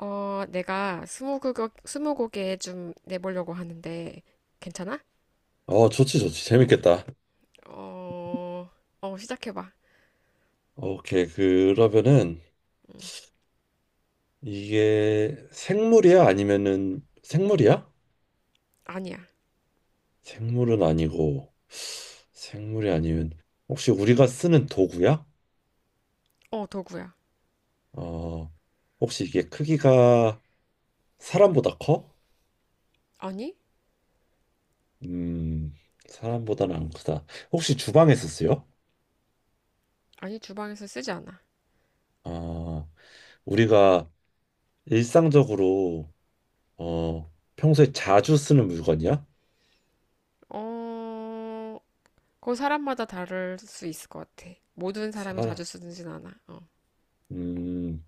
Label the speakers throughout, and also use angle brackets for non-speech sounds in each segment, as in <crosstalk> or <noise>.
Speaker 1: 내가 스무고개, 스무고개 좀 내보려고 하는데, 괜찮아?
Speaker 2: 좋지, 좋지. 재밌겠다.
Speaker 1: 어, 시작해봐.
Speaker 2: 오케이. 그러면은 이게 생물이야? 아니면은 생물이야?
Speaker 1: 아니야.
Speaker 2: 생물은 아니고, 생물이 아니면 혹시 우리가 쓰는 도구야?
Speaker 1: 도구야.
Speaker 2: 어, 혹시 이게 크기가 사람보다 커?
Speaker 1: 아니?
Speaker 2: 음, 사람보다는 안 크다. 혹시 주방에서 쓰여?
Speaker 1: 아니, 주방에서 쓰지 않아.
Speaker 2: 어, 우리가 일상적으로 어, 평소에 자주 쓰는 물건이야?
Speaker 1: 어, 그 사람마다 다를 수 있을 것 같아. 모든 사람이
Speaker 2: 사,
Speaker 1: 자주 쓰진 않아. 어.
Speaker 2: 음,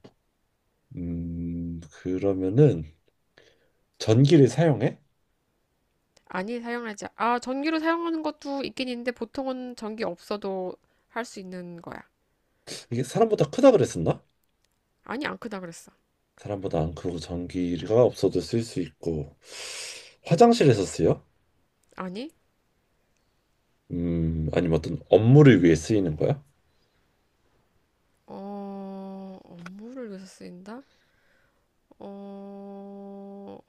Speaker 2: 그러면은 전기를 사용해?
Speaker 1: 아니, 사용하지. 아, 전기로 사용하는 것도 있긴 있는데, 보통은 전기 없어도 할 수 있는 거야.
Speaker 2: 이게 사람보다 크다 그랬었나?
Speaker 1: 아니, 안 크다 그랬어.
Speaker 2: 사람보다 안 크고 전기가 없어도 쓸 수 있고 화장실에서 쓰여?
Speaker 1: 아니?
Speaker 2: 아니면 어떤 업무를 위해 쓰이는 거야?
Speaker 1: 업무를 위해서 쓰인다? 어,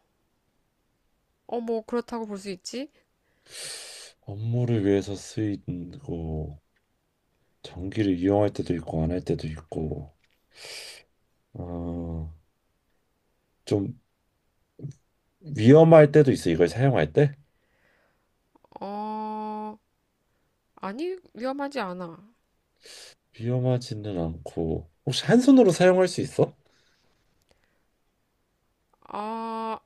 Speaker 1: 뭐, 그렇다고 볼 수 있지?
Speaker 2: 업무를 위해서 쓰이고 전기를 이용할 때도 있고 안 할 때도 있고 어, 좀 위험할 때도 있어 이걸 사용할 때?
Speaker 1: 어, 아니, 위험하지 않아.
Speaker 2: 위험하지는 않고 혹시 한 손으로 사용할 수 있어?
Speaker 1: 아,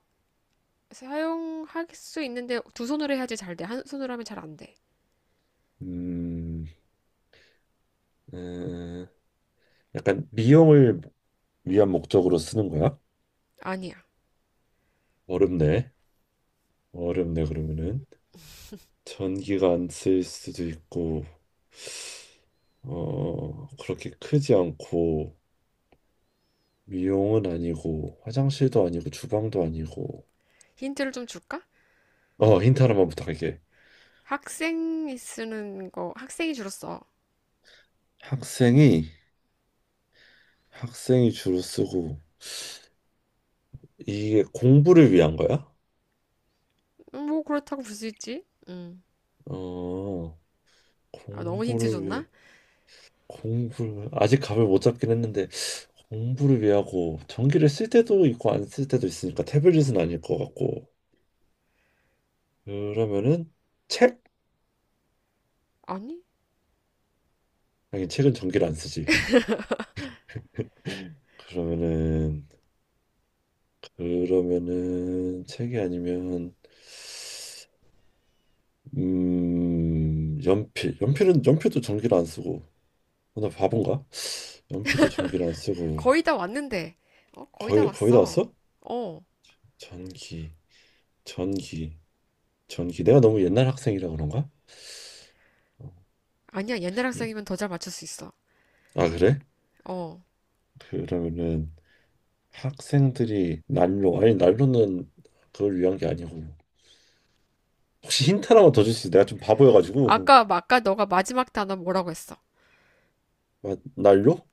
Speaker 1: 사용할 수 있는데 두 손으로 해야지 잘 돼. 한 손으로 하면 잘 안 돼.
Speaker 2: 음, 음, 약간 미용을 위안 목적으로 쓰는 거야?
Speaker 1: 아니야.
Speaker 2: 어렵네. 어렵네, 그러면은 전기가 안 쓸 수도 있고 어 그렇게 크지 않고 미용은 아니고 화장실도 아니고 주방도 아니고.
Speaker 1: 힌트를 좀 줄까?
Speaker 2: 어, 힌트 하나만 부탁할게.
Speaker 1: 학생이 쓰는 거, 학생이 주로 써.
Speaker 2: 학생이 학생이 주로 쓰고 이게 공부를 위한 거야?
Speaker 1: 뭐, 그렇다고 볼 수 있지? 음.
Speaker 2: 어,
Speaker 1: 아, 너무 힌트
Speaker 2: 공부를 위해.
Speaker 1: 줬나?
Speaker 2: 공부를 아직 감을 못 잡긴 했는데 공부를 위하고 전기를 쓸 때도 있고 안 쓸 때도 있으니까 태블릿은 아닐 것 같고. 그러면은 책?
Speaker 1: 아니,
Speaker 2: 아니, 책은 전기를 안 쓰지. 그러면은 그러면은 책이 아니면 음, 연필은 연필도 전기를 안 쓰고. 어, 나 바본가? 연필도 전기를 안 쓰고.
Speaker 1: 거의 다 왔는데. 어, 거의 다
Speaker 2: 거의 다
Speaker 1: 왔어.
Speaker 2: 왔어?
Speaker 1: 어,
Speaker 2: 전기, 전기, 전기. 내가 너무 옛날 학생이라 그런가? 어.
Speaker 1: 아니야. 옛날
Speaker 2: 이-
Speaker 1: 학생이면 더 잘 맞출 수 있어.
Speaker 2: 아 그래?
Speaker 1: 어.
Speaker 2: 그러면은 학생들이 난로. 아니 난로는 그걸 위한 게 아니고. 혹시 힌트 하나만 더 줄 수 있어? 내가 좀 바보여가지고.
Speaker 1: 아까, 아까 너가 마지막 단어 뭐라고 했어?
Speaker 2: <laughs> 아, 난로?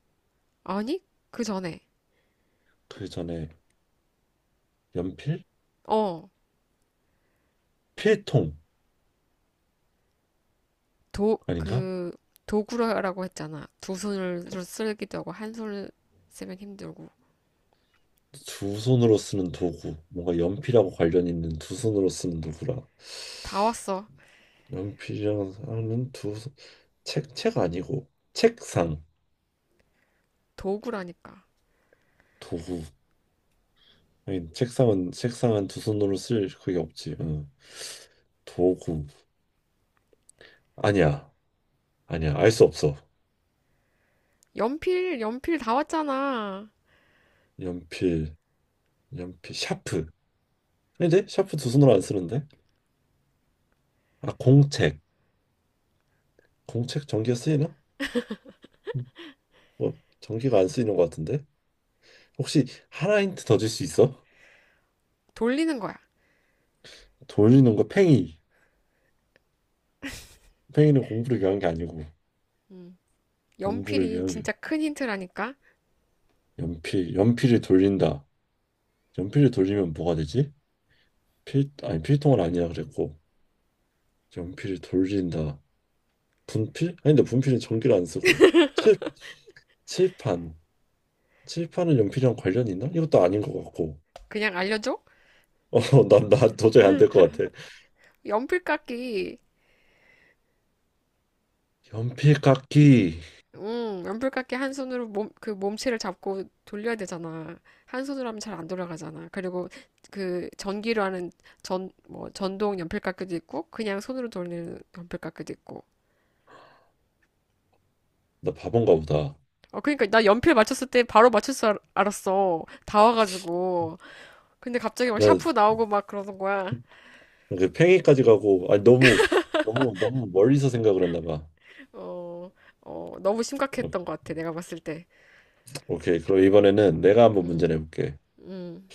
Speaker 1: 아니, 그 전에.
Speaker 2: 그 전에 연필?
Speaker 1: 어.
Speaker 2: 필통
Speaker 1: 도,
Speaker 2: 아닌가?
Speaker 1: 그, 도구라고 했잖아. 두 손으로 쓰기도 하고, 한 손을 쓰면 힘들고.
Speaker 2: 두 손으로 쓰는 도구, 뭔가 연필하고 관련 있는 두 손으로 쓰는 도구라.
Speaker 1: 다 왔어.
Speaker 2: 연필이랑 하는 두 손- 책, 책 아니고 책상.
Speaker 1: 도구라니까.
Speaker 2: 도구. 아니, 책상은, 책상은 두 손으로 쓸 그게 없지. 응. 도구. 아니야. 아니야. 알 수 없어.
Speaker 1: 연필, 연필 다 왔잖아.
Speaker 2: 연필, 연필, 샤프. 아닌데? 샤프 두 손으로 안 쓰는데? 아, 공책. 공책 전기가 쓰이나? 음, 뭐, 전기가 안 쓰이는 것 같은데? 혹시 하나 힌트 더 줄 수 있어?
Speaker 1: 돌리는 거야.
Speaker 2: 돌리는 거 팽이. 팽이는 공부를 위한 게 아니고,
Speaker 1: 음.
Speaker 2: 공부를
Speaker 1: 연필이
Speaker 2: 위한 게.
Speaker 1: 진짜 큰 힌트라니까.
Speaker 2: 연필, 연필을 돌린다. 연필을 돌리면 뭐가 되지? 필, 아니, 필통은 아니라 그랬고, 연필을 돌린다. 분필? 아닌데, 분필은 전기를 안 쓰고, 칠, 칠판. 칠판은 연필이랑 관련이 있나? 이것도 아닌 것 같고.
Speaker 1: 그냥 알려줘?
Speaker 2: 어, <laughs> 난, 나 도저히 안 될 것 같아.
Speaker 1: 연필깎이.
Speaker 2: 연필 깎기.
Speaker 1: 연필깎이 한 손으로 몸, 그 몸체를 잡고 돌려야 되잖아. 한 손으로 하면 잘 안 돌아가잖아. 그리고 그 전기로 하는 전, 뭐, 전동 연필깎이도 있고, 그냥 손으로 돌리는 연필깎이도 있고.
Speaker 2: 나 바본가 보다.
Speaker 1: 어, 그러니까 나 연필 맞췄을 때 바로 맞출 줄 알았어. 다 와가지고. 근데 갑자기 막 샤프
Speaker 2: 나
Speaker 1: 나오고 막 그러는 거야.
Speaker 2: 그 팽이까지 가고, 아니, 너무, 너무, 너무 멀리서 생각을 했나 봐.
Speaker 1: 어, 너무 심각했던 것 같아. 내가 봤을 때.
Speaker 2: 오케이. 그럼 이번에는 내가 한번 문제
Speaker 1: 음,
Speaker 2: 내볼게.
Speaker 1: 음,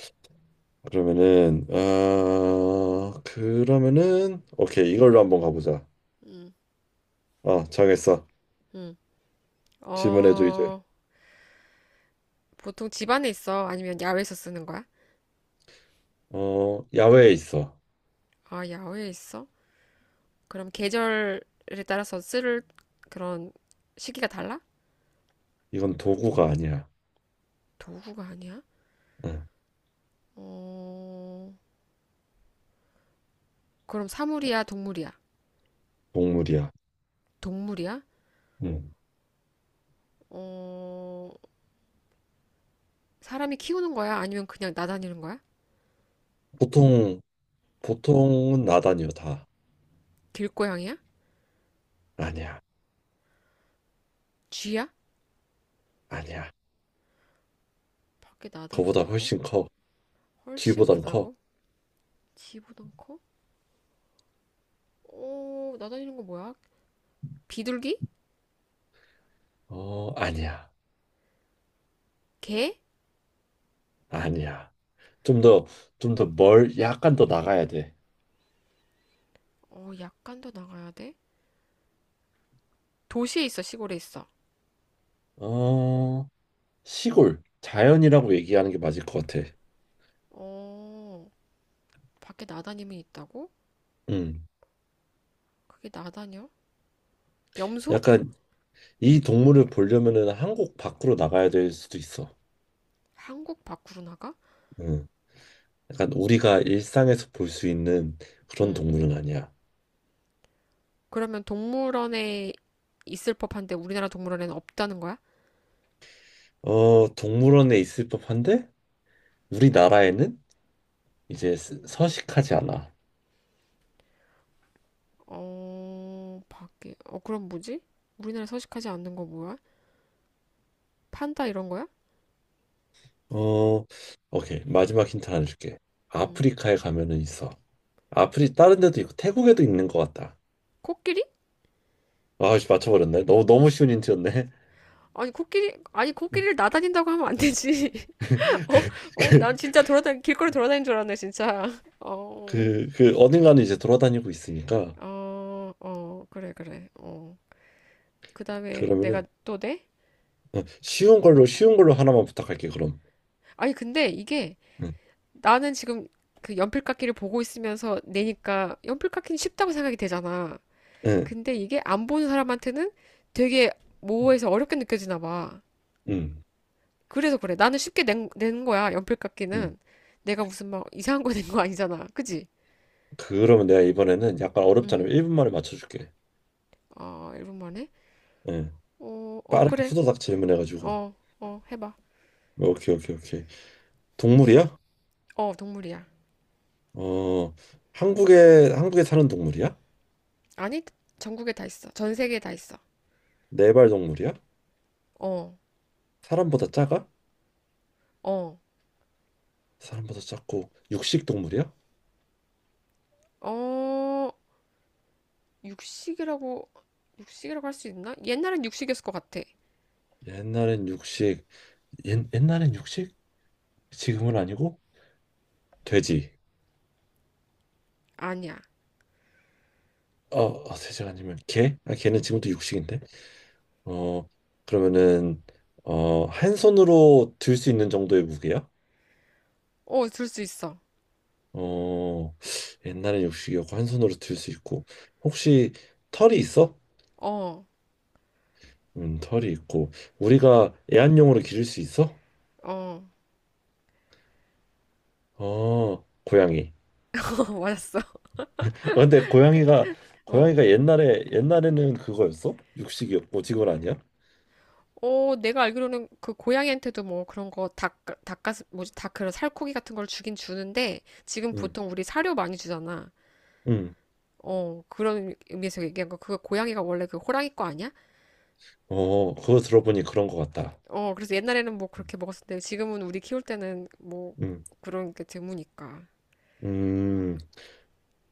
Speaker 2: 그러면은, 아, 그러면은, 오케이. 이걸로 한번 가보자.
Speaker 1: 음,
Speaker 2: 아, 정했어.
Speaker 1: 음.
Speaker 2: 질문해줘, 이제.
Speaker 1: 어, 보통 집 안에 있어? 아니면 야외에서 쓰는 거야?
Speaker 2: 어, 야외에 있어.
Speaker 1: 아, 야외에 있어? 그럼 계절에 따라서 쓸 그런 시기가 달라?
Speaker 2: 이건 도구가 아니야.
Speaker 1: 도구가 아니야?
Speaker 2: 응,
Speaker 1: 어, 그럼 사물이야, 동물이야?
Speaker 2: 동물이야.
Speaker 1: 동물이야?
Speaker 2: 응.
Speaker 1: 어, 사람이 키우는 거야? 아니면 그냥 나다니는 거야?
Speaker 2: 보통 보통은 나다니요 다.
Speaker 1: 길고양이야?
Speaker 2: 아니야.
Speaker 1: 쥐야?
Speaker 2: 아니야.
Speaker 1: 밖에
Speaker 2: 그보다
Speaker 1: 나다닌다고?
Speaker 2: 훨씬 커.
Speaker 1: 훨씬
Speaker 2: 쥐보단.
Speaker 1: 크다고? 쥐보단 커? 오, 나다니는 거 뭐야? 비둘기?
Speaker 2: 커어 아니야.
Speaker 1: 개?
Speaker 2: 아니야. 좀 더 좀 더 멀, 약간 더 나가야.
Speaker 1: 어, 약간 더 나가야 돼? 도시에 있어, 시골에 있어?
Speaker 2: 돼어. 시골, 자연이라고 얘기하는 게 맞을 것 같아.
Speaker 1: 어, 밖에 나다니면 있다고?
Speaker 2: 음.
Speaker 1: 그게 나다녀? 염소?
Speaker 2: 약간 이 동물을 보려면은 한국 밖으로 나가야 될 수도 있어.
Speaker 1: 한국 밖으로 나가?
Speaker 2: 음. 약간 우리가 일상에서 볼 수 있는 그런
Speaker 1: 응.
Speaker 2: 동물은 아니야.
Speaker 1: 그러면 동물원에 있을 법한데 우리나라 동물원에는 없다는 거야?
Speaker 2: 어, 동물원에 있을 법한데 우리나라에는 이제 스- 서식하지 않아.
Speaker 1: 어, 밖에. 어, 그럼 뭐지? 우리나라 서식하지 않는 거 뭐야? 판다 이런 거야?
Speaker 2: 어, 오케이. 마지막 힌트 하나 줄게.
Speaker 1: 음.
Speaker 2: 아프리카에 가면은 있어. 아프리, 다른 데도 있고 태국에도 있는 것 같다.
Speaker 1: 코끼리?
Speaker 2: 아, 씨 맞춰버렸네. 너무 너무 쉬운 힌트였네.
Speaker 1: 아니 코끼리 아니 코끼리를 나다닌다고 하면 안 되지. <laughs> 어? 어, 난
Speaker 2: <laughs>
Speaker 1: 진짜 돌아다니 길거리 돌아다닌 줄 알았네, 진짜. <laughs> 어.
Speaker 2: 그 어딘가는 이제 돌아다니고 있으니까.
Speaker 1: 어, 어, 그래 그래. 어. 그다음에 내가
Speaker 2: 그러면은
Speaker 1: 또 내?
Speaker 2: 어, 쉬운 걸로 쉬운 걸로 하나만 부탁할게. 그럼.
Speaker 1: 아니 근데 이게
Speaker 2: 응,
Speaker 1: 나는 지금 그 연필깎이를 보고 있으면서 내니까 연필깎이는 쉽다고 생각이 되잖아.
Speaker 2: 응,
Speaker 1: 근데 이게 안 보는 사람한테는 되게 모호해서 어렵게 느껴지나 봐.
Speaker 2: 응.
Speaker 1: 그래서 그래. 나는 쉽게 낸 거야. 연필 깎이
Speaker 2: 응.
Speaker 1: 는 내가 무슨 막 이상한 거 낸거 아니잖아. 그지?
Speaker 2: 그러면 내가 이번에는 약간 어렵지
Speaker 1: 응.
Speaker 2: 않으면 1분 만에 맞춰줄게.
Speaker 1: 아, 1분 만에?
Speaker 2: 응.
Speaker 1: 어, 어,
Speaker 2: 빠르게
Speaker 1: 그래.
Speaker 2: 후다닥 질문해가지고.
Speaker 1: 어, 어, 해봐.
Speaker 2: 오케이, 오케이, 오케이. 동물이야?
Speaker 1: 어, 동물이야.
Speaker 2: 어, 한국에 사는 동물이야?
Speaker 1: 아니, 전국에 다 있어. 전 세계에 다 있어.
Speaker 2: 네발 동물이야?
Speaker 1: 어,
Speaker 2: 사람보다 작아?
Speaker 1: 어,
Speaker 2: 사람보다 작고 육식 동물이야?
Speaker 1: 어, 육식이라고, 육식이라고 할 수 있나? 옛날엔 육식이었을 것 같아.
Speaker 2: 옛날엔 육식, 옛날엔 육식? 지금은 아니고 돼지.
Speaker 1: 아니야.
Speaker 2: 어, 어, 돼지가 아니면 개? 아, 개는 지금도 육식인데. 어, 그러면은 어, 한 손으로 들 수 있는 정도의 무게야?
Speaker 1: 어, 들 수 있어.
Speaker 2: 어, 옛날엔 육식이었고 한 손으로 들 수 있고 혹시 털이 있어?
Speaker 1: 어,
Speaker 2: 털이 있고 우리가 애완용으로 기를 수 있어?
Speaker 1: <laughs> 어,
Speaker 2: 어, 고양이.
Speaker 1: 맞았어.
Speaker 2: 아, 근데 고양이가
Speaker 1: 어.
Speaker 2: 고양이가 옛날에는 그거였어? 육식이었고 직원 아니야?
Speaker 1: 어, 내가 알기로는 그 고양이한테도 뭐 그런 거 닭, 닭가슴, 뭐지, 닭 그런 살코기 같은 걸 주긴 주는데 지금
Speaker 2: 응.
Speaker 1: 보통 우리 사료 많이 주잖아.
Speaker 2: 응.
Speaker 1: 어, 그런 의미에서 얘기한 거. 그거 고양이가 원래 그 호랑이 거 아니야?
Speaker 2: 어, 그거 들어보니 그런 것 같다.
Speaker 1: 어, 그래서 옛날에는 뭐 그렇게 먹었었는데 지금은 우리 키울 때는 뭐
Speaker 2: 응.
Speaker 1: 그런 게 드무니까.
Speaker 2: 음.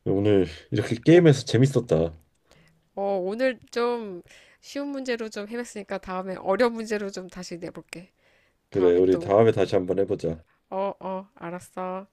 Speaker 2: 오늘 이렇게
Speaker 1: 오,
Speaker 2: 게임에서 재밌었다.
Speaker 1: 어, 오늘 좀 쉬운 문제로 좀 해봤으니까 다음에 어려운 문제로 좀 다시 내볼게.
Speaker 2: 그래,
Speaker 1: 다음에
Speaker 2: 우리
Speaker 1: 또,
Speaker 2: 다음에 다시 한번 해보자.
Speaker 1: 어, 어, 알았어.